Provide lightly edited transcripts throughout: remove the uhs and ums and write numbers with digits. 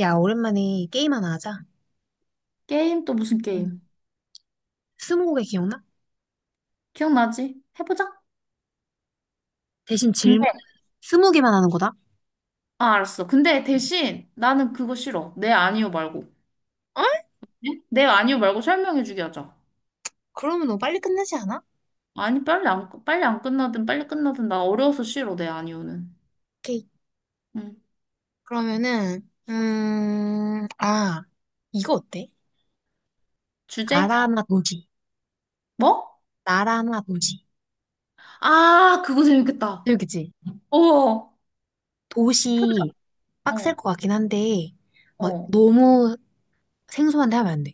야, 오랜만에 게임 하나 하자. 게임 또 무슨 응. 게임? 스무고개 기억나? 기억나지? 해보자. 대신 질문 근데 스무 개만 하는 거다. 알았어. 근데 대신 나는 그거 싫어. 네 아니요 말고. 어? 네? 네 아니요 말고 설명해주게 하자. 그러면 너무 빨리 끝나지 않아? 아니 빨리 안 빨리 안 끝나든 빨리 끝나든 나 어려워서 싫어. 네 아니요는. 오케이. 응. 그러면은, 아, 이거 어때? 주제? 나라 나 도시. 뭐? 나라 나 도시. 아 그거 재밌겠다. 여기지? 어 해보자. 도시 어 빡셀 것 같긴 한데, 막 어. 너무 생소한데 하면 안 돼.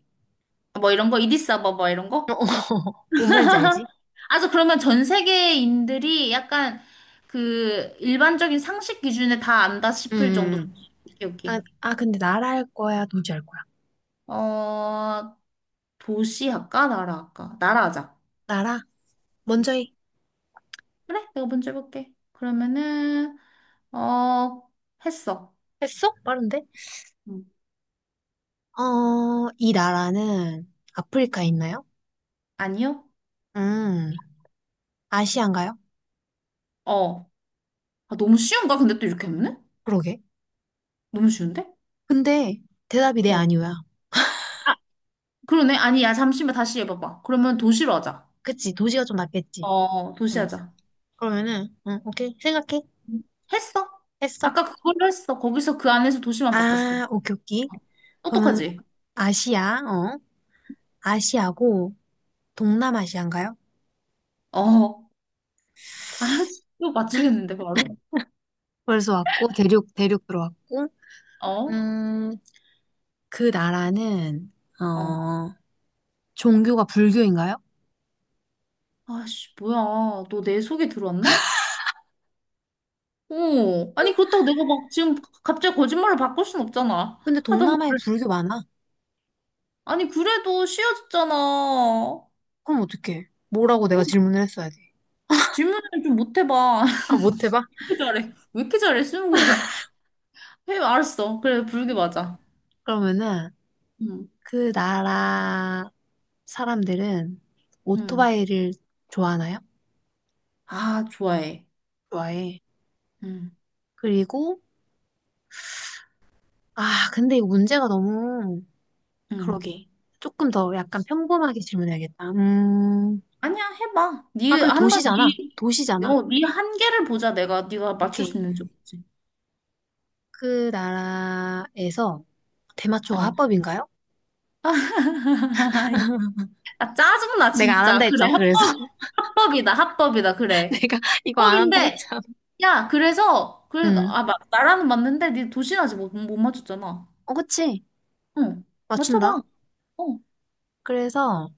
뭐 이런 거 이디스 아바바 뭐 이런 거? 뭔 말인지 알지? 아 저 그러면 전 세계인들이 약간 그 일반적인 상식 기준에 다 안다 응. 싶을 정도. 오케이 아, 오케이. 아, 근데 나라 할 거야? 도시 할 거야? 어, 도시 할까? 나라 할까? 나라 하자. 나라? 먼저 해. 그래? 내가 먼저 해볼게. 그러면은, 어, 했어. 했어? 빠른데? 음. 어, 이 나라는 아프리카에 있나요? 아니요? 음, 아시안가요? 어. 아, 너무 쉬운가? 근데 또 이렇게 하면은? 그러게. 너무 쉬운데? 근데 대답이 네 어. 아니오야. 그러네. 아니, 야, 잠시만 다시 해봐봐. 그러면 도시로 하자. 그치, 도시가 좀 낫겠지. 어, 도시 응. 하자. 그러면은, 응, 오케이. 생각해. 음. 했어? 했어. 아까 그걸로 했어. 거기서 그 안에서 도시만 바꿨어. 아, 오케이, 오케이. 어. 그러면 똑똑하지? 아시아, 어? 아시아고 동남아시아인가요? 어. 아, 이거 맞추겠는데, 바로? 벌써 왔고, 대륙, 대륙 들어왔고, 어? 음, 그 나라는, 어. 어, 종교가 불교인가요? 아씨, 뭐야. 너 내 속에 들어왔나? 오, 아니, 그렇다고 내가 막 지금 갑자기 거짓말을 바꿀 순 없잖아. 근데 하던 동남아에 거를. 불교 많아. 아니, 그래도 쉬워졌잖아. 어, 그럼 어떡해. 뭐라고 내가 질문을 했어야 돼. 질문을 좀 못 해봐. 아, 못 해봐? 왜 이렇게 잘해? 왜 이렇게 잘해, 스무고개? 해, 알았어. 그래, 불게 맞아. 그러면은 응, 그 나라 사람들은 응. 오토바이를 좋아하나요? 아, 좋아해. 좋아해. 응, 그리고 아 근데 이 문제가 너무 응. 그러게 조금 더 약간 평범하게 질문해야겠다. 아니야, 해봐. 아 네, 그래 한번 도시잖아. 네, 도시잖아. 어, 네 한계를 보자, 내가. 네가 맞출 수 오케이. 있는지 없지. 그 나라에서 대마초가 어. 합법인가요? 아, 짜증나, 내가 안 진짜. 한다 그래, 했잖아. 그래서 합법, 합법이다, 합법이다, 그래. 내가 이거 안 한다 합법인데, 했잖아. 야, 그래서, 그래, 음, 아, 마, 나라는 맞는데, 네 도시나지 못, 못 맞췄잖아. 어 그치? 응, 맞춘다. 맞춰봐. 어, 그래서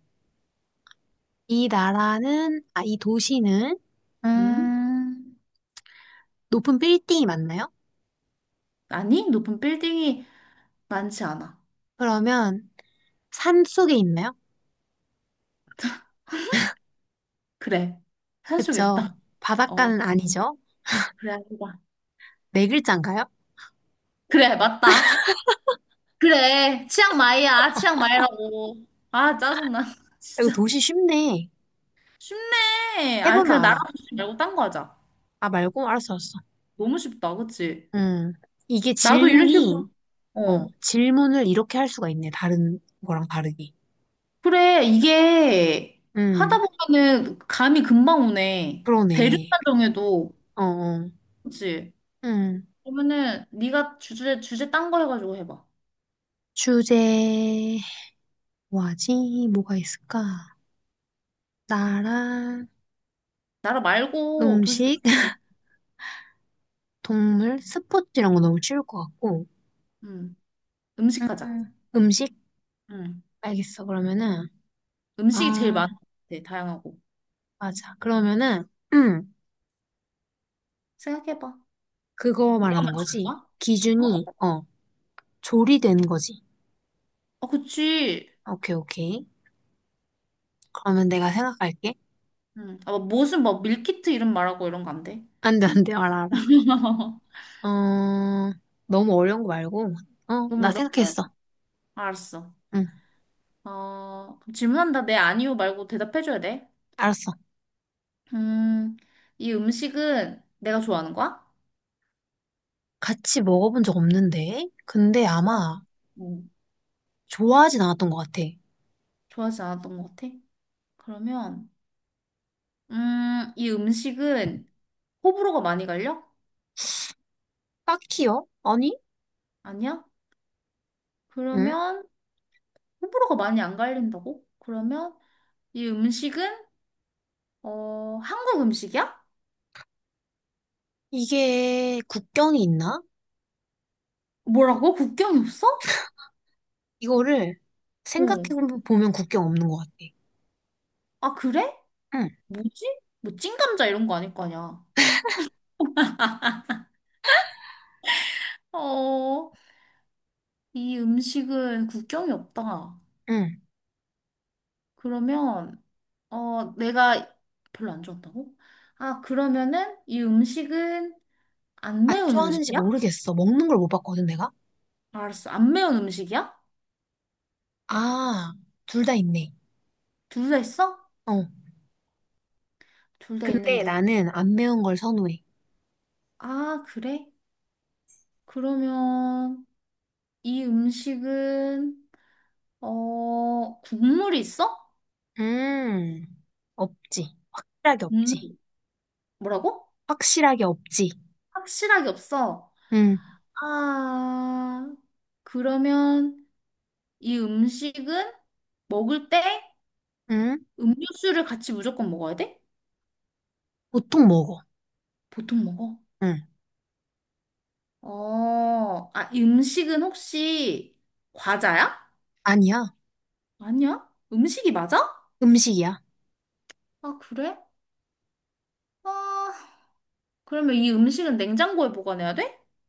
이 나라는, 아, 이 도시는 응? 음, 높은 빌딩이 맞나요? 아니, 높은 빌딩이 많지 않아. 그러면 산 속에 있나요? 그래, 산속에 그쵸. 있다. 어, 바닷가는 아니죠. 그래, 아니다. 네 글자인가요? 아, 그래, 맞다. 그래, 치앙마이야, 치앙마이라고. 아, 짜증나. 이거 진짜. 도시 쉽네. 쉽네. 아, 해보면 그냥 나라 알아. 도시 말고 딴 거 하자. 아, 말고? 알았어, 알았어. 너무 쉽다, 그치? 음, 이게 나도 이런 식으로, 질문이, 어. 질문을 이렇게 할 수가 있네. 다른 거랑 다르게. 그래, 이게 하다 음, 보면은 감이 금방 오네. 그러네. 대륙만 정해도. 어, 어. 그치? 음, 그러면은 네가 주제, 주제 딴 거 해가지고 해봐. 주제, 뭐하지? 뭐가 있을까? 나라, 나라 말고 도시도, 음식, 동물, 스포츠 이런 거 너무 쉬울 것 같고. 음, 음식 하자. 음식? 음. 알겠어. 그러면은, 음식이 제일 아, 많은 것 같아, 다양하고. 맞아. 그러면은, 음, 생각해봐. 그거 내가 말하는 맞출 거지. 거야? 기준이, 어? 어, 조리된 거지. 아 그치. 오케이, 오케이. 그러면 내가 생각할게. 음. 아, 뭐 무슨 뭐 밀키트 이름 말하고 이런 거 안 돼? 안 돼, 안 돼. 알아, 알아. 어, 너무 어려운 거 말고. 어, 너무 나 어려운 거 말고. 생각했어. 알았어. 응, 어, 그럼 질문한다. 네, 아니요 말고 대답해줘야 돼. 알았어. 음, 이 음식은 내가 좋아하는 거야? 같이 먹어본 적 없는데? 근데 어? 아마 응. 좋아하진 않았던 것 같아. 좋아하지 않았던 것 같아. 그러면, 이 음식은 호불호가 많이 갈려? 딱히요? 아니? 아니야? 응? 그러면, 호불호가 많이 안 갈린다고? 그러면, 이 음식은, 어, 한국 음식이야? 이게 국경이 있나? 뭐라고? 국경이 없어? 이거를 생각해 어. 보면 국경 없는 것 같아. 아, 그래? 응, 뭐지? 뭐, 찐감자 이런 거 아닐 거 아니야. 어, 이 음식은 국경이 없다. 응. 그러면, 어, 내가 별로 안 좋았다고? 아, 그러면은 이 음식은 안 안 매운 좋아하는지 음식이야? 모르겠어. 먹는 걸 못 봤거든, 내가? 알았어. 안 매운 음식이야? 아, 둘 다 있네. 둘 다 있어? 어. 둘 다 근데 있는데. 나는 안 매운 걸 선호해. 아, 그래? 그러면 이 음식은 어, 국물이 있어? 음, 없지. 확실하게 없지. 국물 뭐라고? 확실하게 없지. 확실하게 없어. 응, 아, 그러면 이 음식은 먹을 때 응. 음료수를 같이 무조건 먹어야 돼? 보통 먹어. 보통 먹어. 응. 어, 아, 이 음식은 혹시 과자야? 아니야. 아니야? 음식이 맞아? 음식이야. 아, 그래? 아, 그러면 이 음식은 냉장고에 보관해야 돼?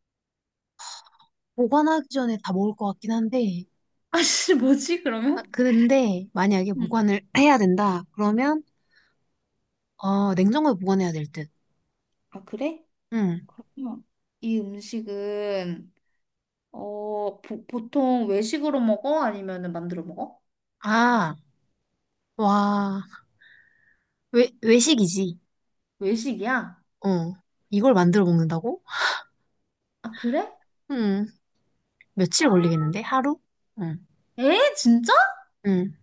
보관하기 전에 다 먹을 것 같긴 한데. 아씨, 뭐지, 아, 그러면? 근데 만약에 응. 보관을 해야 된다. 그러면, 어, 냉장고에 보관해야 될 듯. 아, 그래? 응. 그러면 이 음식은, 어, 보, 보통 외식으로 먹어? 아니면은 만들어 먹어? 아. 와, 외식이지. 외식이야? 어. 이걸 만들어 먹는다고? 아, 그래? 음, 아, 며칠 걸리겠는데? 하루? 응, 에? 진짜? 응,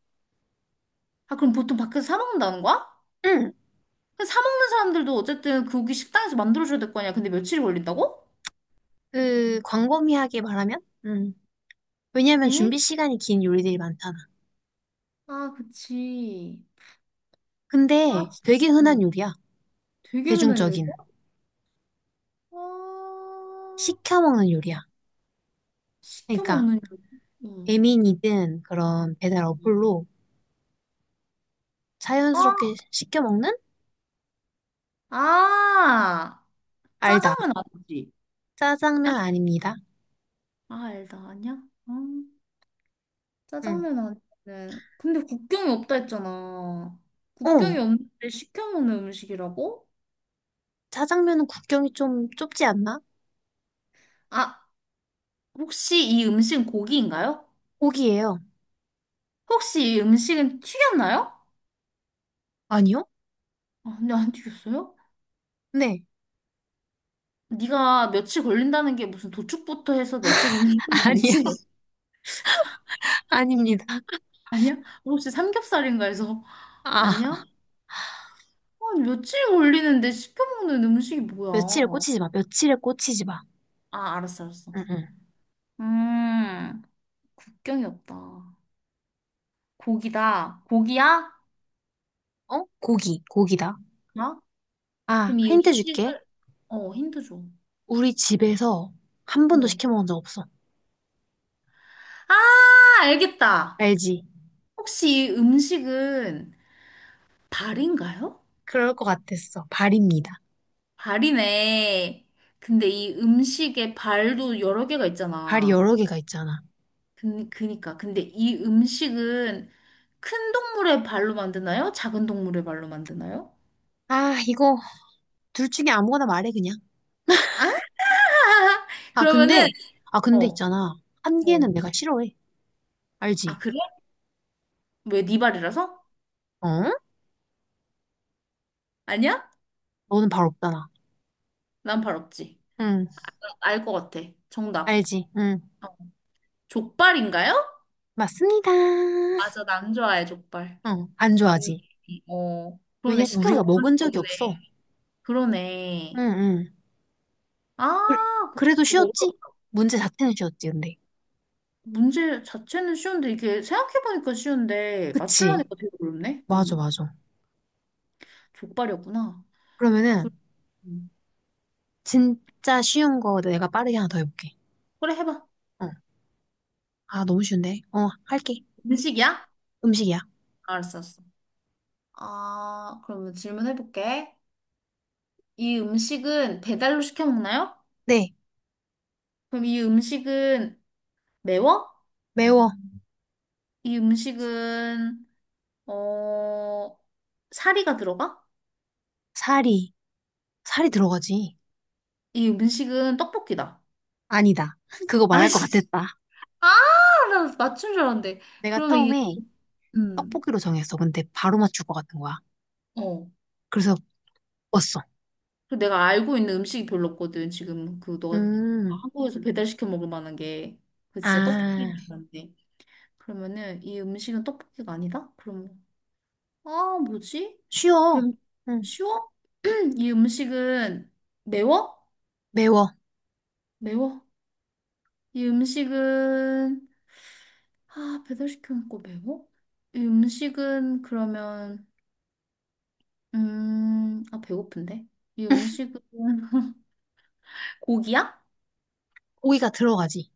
아, 그럼 보통 밖에서 사 먹는다는 거야? 응. 사 먹는 사람들도 어쨌든 그고기 식당에서 만들어줘야 될 거 아니야. 근데 며칠이 걸린다고? 광범위하게 말하면? 응. 왜냐면 에? 준비 시간이 긴 요리들이 많잖아. 아, 그치. 아, 근데 되게 진- 흔한 응. 요리야. 되게 흔한 요리. 대중적인. 아, 시켜 먹는 요리야. 시켜 그러니까, 먹는 요리. 응. 배민이든 그런 배달 응. 어플로 아, 자연스럽게 시켜 먹는? 아, 알다. 짜장면 아니지? 짜장면 아닙니다. 아, 알다, 아니야? 아, 응. 짜장면 아니는. 근데 국경이 없다 했잖아. 어, 국경이 없는데 시켜 먹는 음식이라고? 짜장면은 국경이 좀 좁지 않나? 아, 혹시 이 음식은 고기인가요? 고기예요. 혹시 이 음식은 튀겼나요? 아니요? 아, 근데 안 튀겼어요? 네. 네가 며칠 걸린다는 게 무슨 도축부터 해서 며칠 걸린다는 거 아니야, 알지? 아닙니다. 아니야? 혹시 삼겹살인가 해서 아니야? 아, 아, 며칠 걸리는데 시켜먹는 음식이 며칠에 뭐야? 꽂히지 마, 며칠에 꽂히지 마. 아, 알았어, 알았어. 응, 응. 음, 국경이 없다. 고기다. 고기야? 어? 고기, 고기다. 어? 아, 그럼 이 힌트 줄게. 음식을 어, 힌트 줘. 우리 집에서 한 번도 어. 시켜 먹은 적 없어. 아, 알겠다. 알지? 혹시 이 음식은 발인가요? 그럴 것 같았어. 발입니다. 발이네. 근데 이 음식에 발도 여러 개가 발이 있잖아. 여러 개가 있잖아. 그, 그니까. 근데 이 음식은 큰 동물의 발로 만드나요? 작은 동물의 발로 만드나요? 아, 이거 둘 중에 아무거나 말해, 그냥. 아, 아, 그러면은, 근데, 아, 근데 어, 있잖아. 한 어. 개는 내가 싫어해. 아, 알지? 그래? 왜 네 발이라서? 어? 아니야? 너는 발 없잖아. 난 발 없지. 응, 알 것 같아. 정답. 알지? 응. 어. 족발인가요? 맞습니다. 맞아, 난 안 좋아해, 족발. 응, 안 맞네. 좋아하지? 어, 그러네. 왜냐면 시켜 우리가 먹은 먹은 적도 적이 없어. 없네. 응, 그러네. 응. 아, 그, 래도 그거 어려 쉬웠지? 문제 자체는 쉬웠지, 근데. 문제 자체는 쉬운데, 이게 생각해보니까 쉬운데, 그치? 맞추려니까 되게 어렵네. 맞아, 음. 맞아. 족발이었구나. 그, 그러면은, 음. 진짜 쉬운 거 내가 빠르게 하나 더 해볼게. 그래, 해봐. 어. 아, 너무 쉬운데? 어, 할게. 음식이야? 음식이야. 알았어, 알았어. 아, 그러면 질문해볼게. 이 음식은 배달로 시켜 먹나요? 네, 그럼 이 음식은 매워? 매워. 이 음식은, 어, 사리가 들어가? 살이. 살이 들어가지. 이 음식은 떡볶이다. 아니다. 그거 말할 것 아이씨. 같았다. 아, 나 맞춘 줄 알았는데. 내가 그러면 이, 처음에 음, 떡볶이로 정했어. 근데 바로 맞출 것 같은 거야. 어. 그래서 먹었어. 그리고 내가 알고 있는 음식이 별로 없거든, 지금. 그, 너가 음, 한국에서 배달시켜 먹을 만한 게. 그 진짜 아, 떡볶이인데. 그러면은 이 음식은 떡볶이가 아니다? 그럼 아 뭐지? 쉬워. 그럼 응, 쉬워? 이 음식은 매워? 매워. 매워. 이 음식은 아 배달시켜 먹고 매워? 이 음식은 그러면 음아 배고픈데? 이 음식은 고기야? 고기가 들어가지.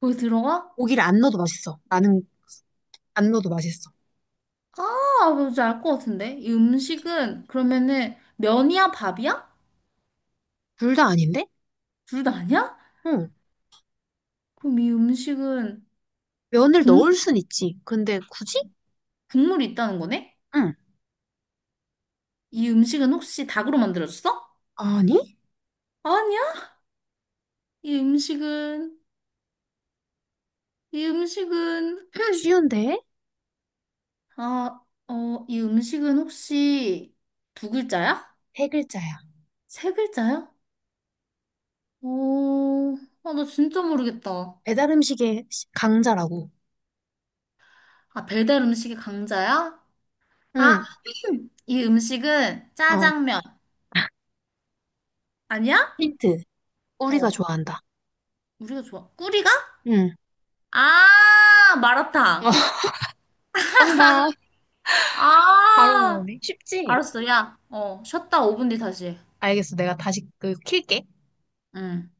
고기 들어가? 고기를 안 넣어도 맛있어. 나는 안 넣어도 맛있어. 아 뭔지 알 것 같은데? 이 음식은 그러면은 면이야 밥이야? 둘 다 아닌데? 둘 다 아니야? 응. 그럼 이 음식은 면을 국물 넣을 순 있지. 근데 굳이? 국물이 있다는 거네? 응. 이 음식은 혹시 닭으로 만들어졌어? 아니? 아니야? 이 음식은, 이 음식은, 쉬운데? 아, 어, 이 음식은 혹시 두 글자야? 세 글자야. 세 글자야? 오, 아, 나 진짜 모르겠다. 배달 음식의 강자라고. 아, 배달 음식의 강자야? 응. 아, 이 음식은 어. 짜장면. 아니야? 힌트. 우리가 어, 좋아한다. 우리가 좋아. 꿀이가? 응. 어, 아, 마라탕. 빵봐. 바로 아, 나오네. 쉽지? 알았어. 야, 어, 쉬었다 5분 뒤 다시. 해. 알겠어. 내가 다시 그 킬게. 응.